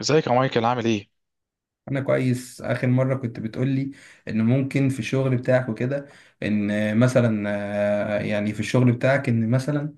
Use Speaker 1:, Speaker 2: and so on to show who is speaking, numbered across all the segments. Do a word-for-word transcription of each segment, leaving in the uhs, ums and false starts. Speaker 1: ازيك يا مايكل، عامل ايه؟
Speaker 2: انا كويس. اخر مره كنت بتقولي ان ممكن في الشغل بتاعك وكده، ان مثلا، آه، يعني في الشغل بتاعك ان مثلا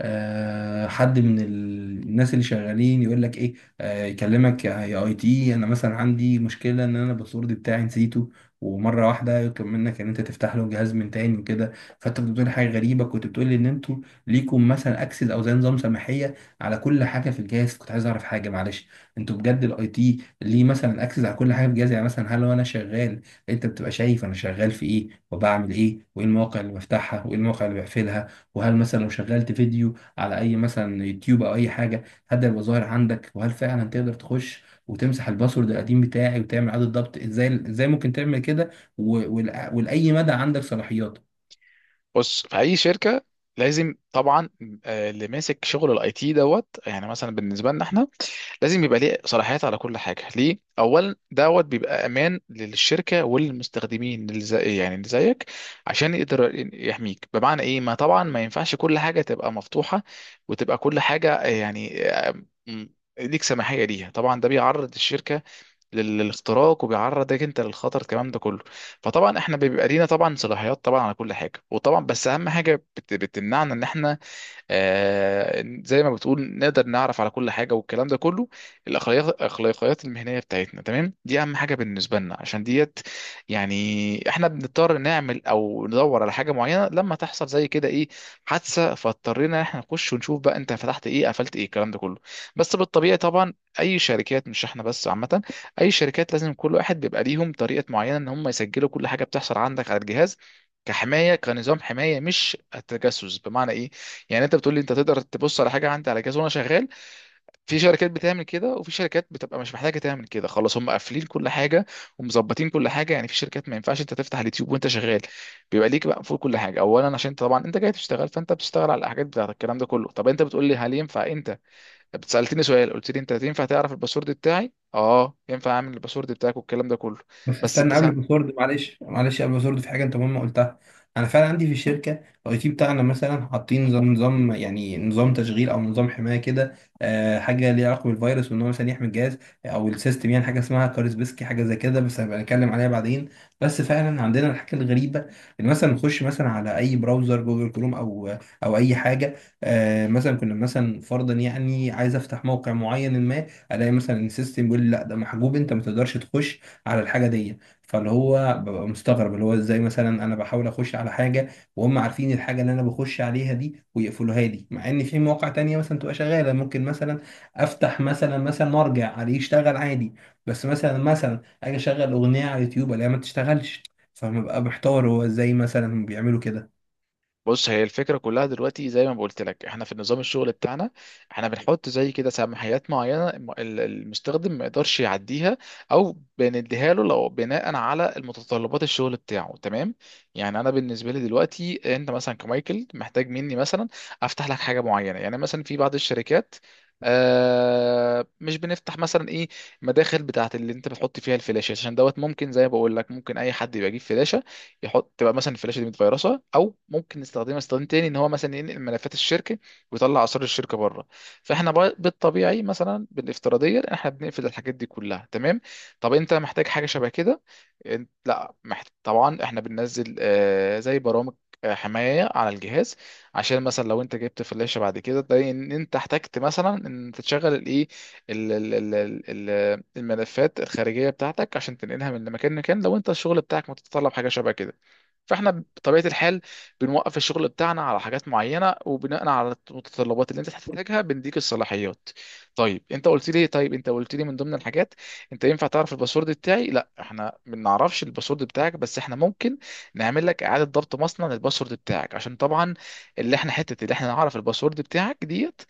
Speaker 2: آه، حد من ال- الناس اللي شغالين يقول لك ايه، آه، يكلمك يا يا اي تي، انا مثلا عندي مشكله ان انا الباسورد بتاعي نسيته. ومره واحده يطلب منك ان انت تفتح له جهاز من تاني وكده. فانت كنت بتقول حاجه غريبه، كنت بتقول لي ان انتوا ليكم مثلا اكسس او زي نظام سماحيه على كل حاجه في الجهاز. كنت عايز اعرف حاجه، معلش، انتوا بجد الاي تي ليه مثلا اكسس على كل حاجه في الجهاز؟ يعني مثلا هل لو انا شغال انت بتبقى شايف انا شغال في ايه وبعمل ايه وايه المواقع اللي بفتحها وايه المواقع اللي بقفلها؟ وهل مثلا لو شغلت فيديو على اي مثلا يوتيوب او اي حاجه، هل ده يبقى ظاهر عندك؟ وهل فعلا تقدر تخش وتمسح الباسورد القديم بتاعي وتعمل اعاده ضبط؟ ازاي ازاي ممكن تعمل كده؟ و- ول- ولاي مدى عندك صلاحيات؟
Speaker 1: بص، في اي شركه لازم طبعا آه، اللي ماسك شغل الاي تي دوت، يعني مثلا بالنسبه لنا احنا لازم يبقى ليه صلاحيات على كل حاجه، ليه؟ اولا دوت بيبقى امان للشركه وللمستخدمين اللي زي يعني اللي زيك، عشان يقدر يحميك. بمعنى ايه؟ ما طبعا ما ينفعش كل حاجه تبقى مفتوحه وتبقى كل حاجه آه، يعني آه، م- ليك سماحيه ليها. طبعا ده بيعرض الشركه لل- للاختراق، وبيعرضك انت للخطر، الكلام ده كله. فطبعا احنا بيبقى لينا طبعا صلاحيات طبعا على كل حاجه وطبعا، بس اهم حاجه بت- بتمنعنا ان احنا آه، زي ما بتقول نقدر نعرف على كل حاجه والكلام ده كله، الاخلاقيات الاخلاقيات المهنيه بتاعتنا، تمام؟ دي اهم حاجه بالنسبه لنا. عشان ديت يعني احنا بنضطر نعمل او ندور على حاجه معينه لما تحصل زي كده ايه، حادثه، فاضطرينا احنا نخش ونشوف بقى انت فتحت ايه، قفلت ايه، الكلام ده كله. بس بالطبيعي، طبعا اي شركات، مش احنا بس، عامه اي شركات لازم كل واحد بيبقى ليهم طريقه معينه ان هم يسجلوا كل حاجه بتحصل عندك على الجهاز، كحمايه، كنظام حمايه، مش التجسس. بمعنى ايه؟ يعني انت بتقول لي انت تقدر تبص على حاجه عندي على جهاز وانا شغال؟ في شركات بتعمل كده، وفي شركات بتبقى مش محتاجه تعمل كده، خلاص هم قافلين كل حاجه ومظبطين كل حاجه. يعني في شركات ما ينفعش انت تفتح اليوتيوب وانت شغال، بيبقى ليك بقى فوق كل حاجه اولا عشان انت طبعا انت جاي تشتغل، فانت بتشتغل على الحاجات بتاعت الكلام ده كله. طب انت بتقول لي، هل ينفع انت، سالتني سؤال قلت لي انت، ينفع تعرف الباسورد بتاعي؟ اه، ينفع اعمل الباسورد بتاعك والكلام ده كله،
Speaker 2: بس
Speaker 1: بس انت،
Speaker 2: استنى، قبل الباسورد، معلش معلش، قبل الباسورد في حاجه انت مهمه قلتها. انا فعلا عندي في الشركه الاي تي بتاعنا مثلا حاطين نظام، نظام يعني نظام تشغيل او نظام حمايه كده، آه حاجه ليها علاقه بالفيروس وان هو مثلا يحمي الجهاز او السيستم. يعني حاجه اسمها كارسبسكي، حاجه زي كده، بس هبقى نتكلم عليها بعدين. بس فعلا عندنا الحاجه الغريبه ان مثلا نخش مثلا على اي براوزر جوجل كروم او او اي حاجه. آه مثلا كنا مثلا فرضا، يعني عايز افتح موقع معين، ما الاقي مثلا السيستم بيقول لي لا ده محجوب، انت ما تقدرش تخش على الحاجه دي. فاللي هو ببقى مستغرب اللي هو ازاي مثلا انا بحاول اخش على حاجه وهم عارفين الحاجه اللي انا بخش عليها دي ويقفلوها لي، مع ان في مواقع تانية مثلا تبقى شغاله. ممكن مثلا افتح مثلا مثلا وارجع عليه يشتغل عادي، بس مثلا مثلا اجي اشغل اغنيه على اليوتيوب الاقيها ما تشتغلش. فببقى محتار هو ازاي مثلا بيعملوا كده.
Speaker 1: بص هي الفكرة كلها دلوقتي. زي ما قلت لك، احنا في نظام الشغل بتاعنا احنا بنحط زي كده سماحيات معينة الم- ال- المستخدم ما يقدرش يعديها، او بنديها له لو بناء على المتطلبات الشغل بتاعه، تمام؟ يعني انا بالنسبة لي دلوقتي، انت مثلا كمايكل محتاج مني مثلا افتح لك حاجة معينة. يعني مثلا في بعض الشركات آه مش بنفتح مثلا ايه، مداخل بتاعت اللي انت بتحط فيها الفلاشة، عشان دوت ممكن زي ما بقول لك، ممكن اي حد يبقى يجيب فلاشة يحط، تبقى مثلا الفلاشه دي متفيروسه، او ممكن نستخدمها استخدام تاني ان هو مثلا ينقل ملفات الشركه ويطلع اسرار الشركه بره. فاحنا بقى بالطبيعي مثلا بالافتراضيه احنا بنقفل الحاجات دي كلها، تمام؟ طب انت محتاج حاجه شبه كده، انت لا محت... طبعا احنا بننزل آه، زي برامج آه، حمايه على الجهاز، عشان مثلا لو انت جبت فلاشه بعد كده تلاقي ان انت احتجت مثلا ان تشغل الايه، ال- ال- ال- ال- ال- الملفات الخارجيه بتاعتك عشان تنقلها من مكان لمكان، لو انت الشغل بتاعك متطلب حاجه شبه كده. فاحنا بطبيعه الحال بنوقف الشغل بتاعنا على حاجات معينه، وبناء على المتطلبات اللي انت هتحتاجها بنديك الصلاحيات. طيب، انت قلت لي طيب انت قلت لي من ضمن الحاجات، انت ينفع تعرف الباسورد بتاعي؟ لا، احنا ما بنعرفش الباسورد بتاعك، بس احنا ممكن نعمل لك اعاده ضبط مصنع للباسورد بتاعك، عشان طبعا اللي احنا حته اللي احنا نعرف الباسورد بتاعك، ديت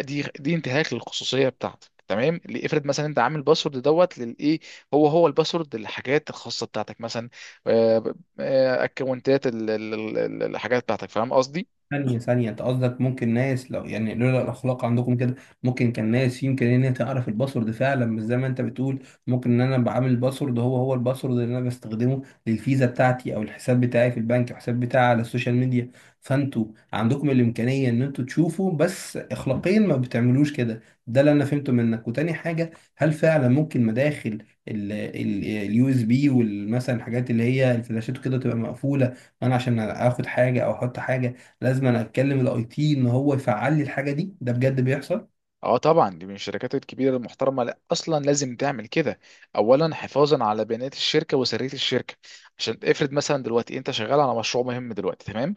Speaker 1: دي دي انتهاك للخصوصيه بتاعتك، تمام؟ اللي افرض مثلا انت عامل باسورد دوت للايه، هو هو الباسورد للحاجات الخاصه بتاعتك، مثلا آه، آه، اكونتات ال- ال- ال- الحاجات بتاعتك، فاهم قصدي؟
Speaker 2: ثانية ثانية، أنت قصدك ممكن ناس لو يعني لولا الأخلاق عندكم كده ممكن كان ناس يمكن إن هي تعرف الباسورد فعلا؟ مش زي ما أنت بتقول، ممكن إن أنا بعمل الباسورد هو هو الباسورد اللي أنا بستخدمه للفيزا بتاعتي أو الحساب بتاعي في البنك او الحساب بتاعي على السوشيال ميديا، فأنتوا عندكم الإمكانية إن أنتوا تشوفوا بس أخلاقيا ما بتعملوش كده. ده اللي أنا فهمته منك. وتاني حاجة، هل فعلا ممكن مداخل اليو اس بي والمثلا الحاجات اللي هي الفلاشات وكده تبقى مقفولة؟ أنا عشان آخد حاجة أو أحط حاجة لازم انا اتكلم الاي تي ان هو يفعل لي الحاجه دي؟ ده بجد بيحصل؟
Speaker 1: اه طبعا، دي من الشركات الكبيره المحترمه، لا اصلا لازم تعمل كده، اولا حفاظا على بيانات الشركه وسريه الشركه. عشان افرض مثلا دلوقتي انت شغال على مشروع مهم دلوقتي، تمام؟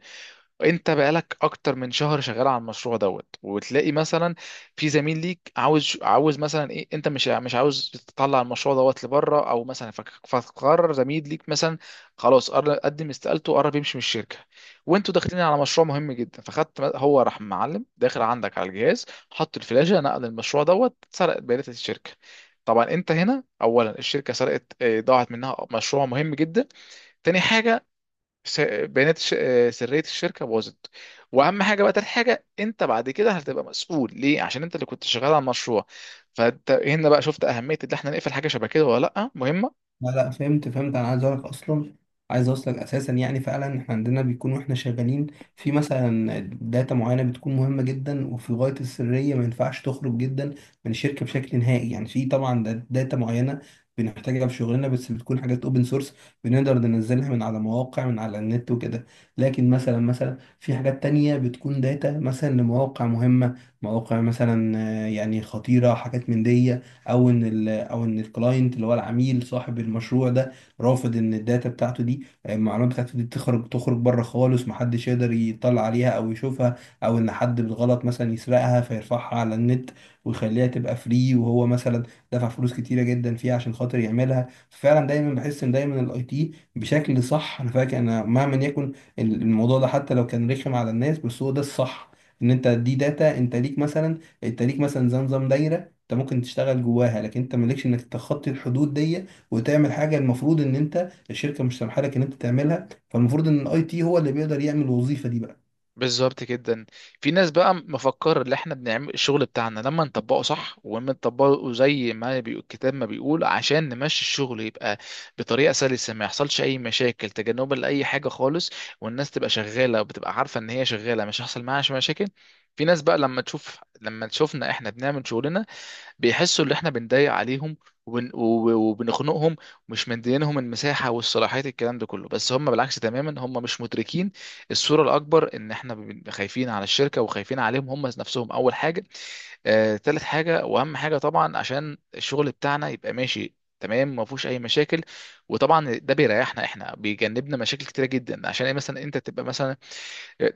Speaker 1: انت بقالك اكتر من شهر شغال على المشروع دوت، وتلاقي مثلا في زميل ليك عاوز عاوز مثلا ايه، انت مش مش عاوز تطلع المشروع دوت لبره، او مثلا فك- فقرر زميل ليك مثلا خلاص، قر- قدم استقالته قرب يمشي من الشركه، وانتوا داخلين على مشروع مهم جدا، فخدت هو راح معلم داخل عندك على الجهاز، حط الفلاشه، نقل المشروع دوت، سرق بيانات الشركه. طبعا انت هنا، اولا الشركه سرقت اه، ضاعت منها مشروع مهم جدا. تاني حاجه، س- بيانات ش- آه، سرية الشركة باظت. وأهم حاجة بقى، تالت حاجة، أنت بعد كده هتبقى مسؤول، ليه؟ عشان أنت اللي كنت شغال على المشروع. فأنت هنا بقى شفت أهمية إن إحنا نقفل حاجة شبه كده ولا لأ؟ مهمة.
Speaker 2: لا لا، فهمت فهمت، انا عايز اقولك اصلا، عايز اوصلك اساسا، يعني فعلا احنا عندنا بيكون واحنا شغالين في مثلا داتا معينه بتكون مهمه جدا وفي غايه السريه، ما ينفعش تخرج جدا من الشركه بشكل نهائي. يعني في طبعا دا- داتا معينه بنحتاجها في شغلنا بس بتكون حاجات اوبن سورس بنقدر ننزلها من على مواقع من على النت وكده. لكن مثلا مثلا في حاجات تانية بتكون داتا مثلا لمواقع مهمه، مواقع مثلا آه، يعني خطيره، حاجات من دي. او ان ال او ان الكلاينت اللي هو العميل صاحب المشروع ده رافض ان الداتا بتاعته دي المعلومات بتاعته دي تخرج تخرج بره خالص، محدش يقدر يطلع عليها او يشوفها، او ان حد بالغلط مثلا يسرقها فيرفعها على النت ويخليها تبقى فري، وهو مثلا دفع فلوس كتيره جدا فيها عشان خاطر يعملها. فعلا دايما بحس ان دايما الاي تي بشكل صح. انا فاكر انا مهما يكن الموضوع ده حتى لو كان رخم على الناس بس هو ده الصح. ان انت دي داتا، انت ليك مثلا، انت ليك مثلا زي نظام دايره، انت ممكن تشتغل جواها لكن انت مالكش انك تخطي الحدود دي وتعمل حاجه المفروض ان انت الشركه مش سامحه لك ان انت تعملها. فالمفروض ان الاي تي هو اللي بيقدر يعمل الوظيفه دي بقى.
Speaker 1: بالظبط جدا. في ناس بقى مفكر اللي احنا بنعمل الشغل بتاعنا، لما نطبقه صح ولما نطبقه زي ما بي- الكتاب ما بيقول، عشان نمشي الشغل يبقى بطريقه سلسه ما يحصلش اي مشاكل، تجنبا لاي حاجه خالص، والناس تبقى شغاله وبتبقى عارفه ان هي شغاله مش هيحصل معاها مشاكل. في ناس بقى لما تشوف لما تشوفنا احنا بنعمل شغلنا بيحسوا ان احنا بنضايق عليهم وبن... وب- وبنخنقهم ومش مدينهم المساحه والصلاحيات الكلام ده كله، بس هم بالعكس تماما، هم مش مدركين الصوره الاكبر ان احنا بن- خايفين على الشركه وخايفين عليهم هم نفسهم اول حاجه، آه، تالت حاجه واهم حاجه طبعا عشان الشغل بتاعنا يبقى ماشي تمام ما فيهوش اي مشاكل. وطبعا ده بيريحنا احنا، بيجنبنا مشاكل كتيره جدا. عشان ايه مثلا انت تبقى مثلا،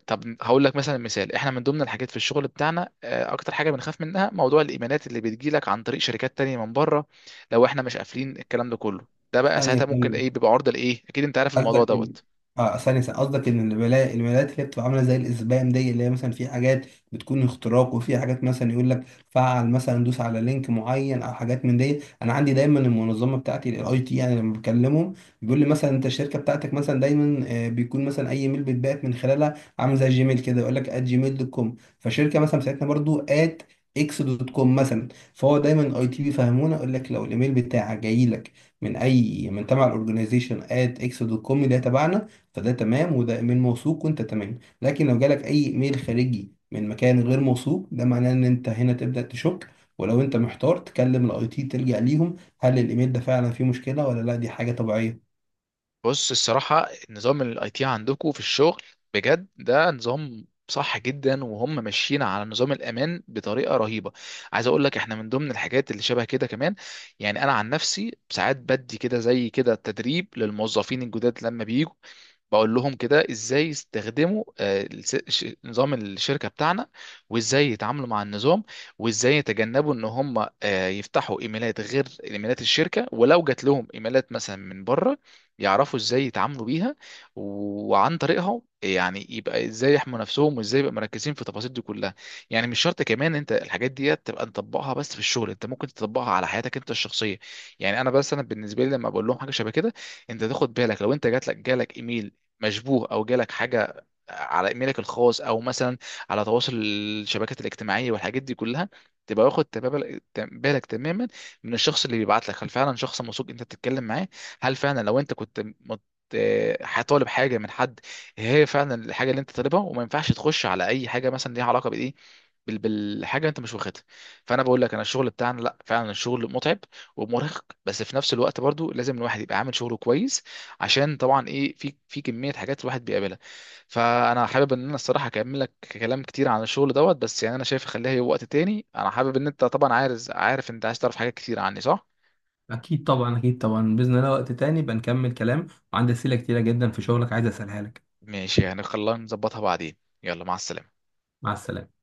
Speaker 1: طب هقول لك مثلا مثال، احنا من ضمن الحاجات في الشغل بتاعنا آه، اكتر حاجه بنخاف منها موضوع الايميلات اللي بتجي لك عن طريق شركات تانية من بره. لو احنا مش قافلين الكلام ده كله، ده بقى
Speaker 2: ثانيه،
Speaker 1: ساعتها ممكن ايه، بيبقى عرضه لايه، اكيد انت عارف الموضوع
Speaker 2: قصدك ان،
Speaker 1: دوت.
Speaker 2: اه، ثانية ثانية. قصدك ان الولايات الولايات اللي هي بتبقى عاملة زي الاسبام دي اللي هي مثلا في حاجات بتكون اختراق وفي حاجات مثلا يقول لك فعل مثلا دوس على لينك معين او حاجات من دي؟ انا عندي دايما المنظمة بتاعتي الاي تي يعني لما بكلمهم بيقول لي مثلا انت الشركة بتاعتك مثلا دايما آه، بيكون مثلا اي ميل بيتبعت من خلالها عامل زي جيميل كده، يقول لك @ات جيميل دوت كوم، جيميل دوت كوم، فالشركة مثلا بتاعتنا برضو @ات اكس دوت كوم، اكس دوت كوم مثلا. فهو دايما الاي تي بيفهمونا يقول لك لو الايميل بتاعك جاي لك من اي من تبع الاورجنايزيشن ات اكس دوت كوم اللي هي تبعنا، فده تمام وده من موثوق وانت تمام. لكن لو جالك اي ايميل خارجي من مكان غير موثوق ده معناه ان انت هنا تبدا تشك. ولو انت محتار تكلم الاي تي تلجأ ليهم هل الايميل ده فعلا فيه مشكله ولا لا؟ دي حاجه طبيعيه.
Speaker 1: بص، الصراحة نظام الاي تي عندكم في الشغل بجد ده نظام صح جدا، وهم ماشيين على نظام الامان بطريقة رهيبة. عايز اقول لك احنا من ضمن الحاجات اللي شبه كده كمان، يعني انا عن نفسي ساعات بدي كده زي كده تدريب للموظفين الجداد لما بيجوا، بقول لهم كده ازاي يستخدموا آه، الس- ش- نظام الشركة بتاعنا، وازاي يتعاملوا مع النظام، وازاي يتجنبوا ان هم آه، يفتحوا ايميلات غير ايميلات الشركة، ولو جات لهم ايميلات مثلا من بره يعرفوا ازاي يتعاملوا بيها وعن طريقها، يعني يبقى ازاي يحموا نفسهم، وازاي يبقى مركزين في التفاصيل دي كلها. يعني مش شرط كمان انت الحاجات دي تبقى مطبقها بس في الشغل، انت ممكن تطبقها على حياتك انت الشخصيه. يعني انا بس، انا بالنسبه لي لما بقول لهم حاجه شبه كده، انت تاخد بالك لو انت جات لك جالك ايميل مشبوه، او جالك حاجه على ايميلك الخاص، او مثلا على تواصل الشبكات الاجتماعيه والحاجات دي كلها، تبقى واخد تبابل- بالك تماما من الشخص اللي بيبعت لك، هل فعلا شخص موثوق انت بتتكلم معاه؟ هل فعلا لو انت كنت مت- آه، هطالب حاجه من حد، هي فعلا الحاجه اللي انت طالبها؟ وما ينفعش تخش على اي حاجه مثلا ليها علاقه بايه، بال- بالحاجه انت مش واخدها. فانا بقول لك انا، الشغل بتاعنا لا فعلا الشغل متعب ومرهق، بس في نفس الوقت برضو لازم الواحد يبقى عامل شغله كويس، عشان طبعا ايه، في في كميه حاجات الواحد بيقابلها. فانا حابب ان انا الصراحه اكمل لك كلام كتير عن الشغل دوت، بس يعني انا شايف خليها وقت تاني. انا حابب ان انت طبعا عارف، عارف انت عايز تعرف حاجات كتير عني، صح؟
Speaker 2: اكيد طبعا، اكيد طبعا، باذن الله وقت تاني بنكمل كلام، وعندي اسئله كتيره جدا في شغلك عايز اسالها لك.
Speaker 1: ماشي، يعني خلينا نظبطها بعدين. يلا، مع السلامة.
Speaker 2: مع السلامه.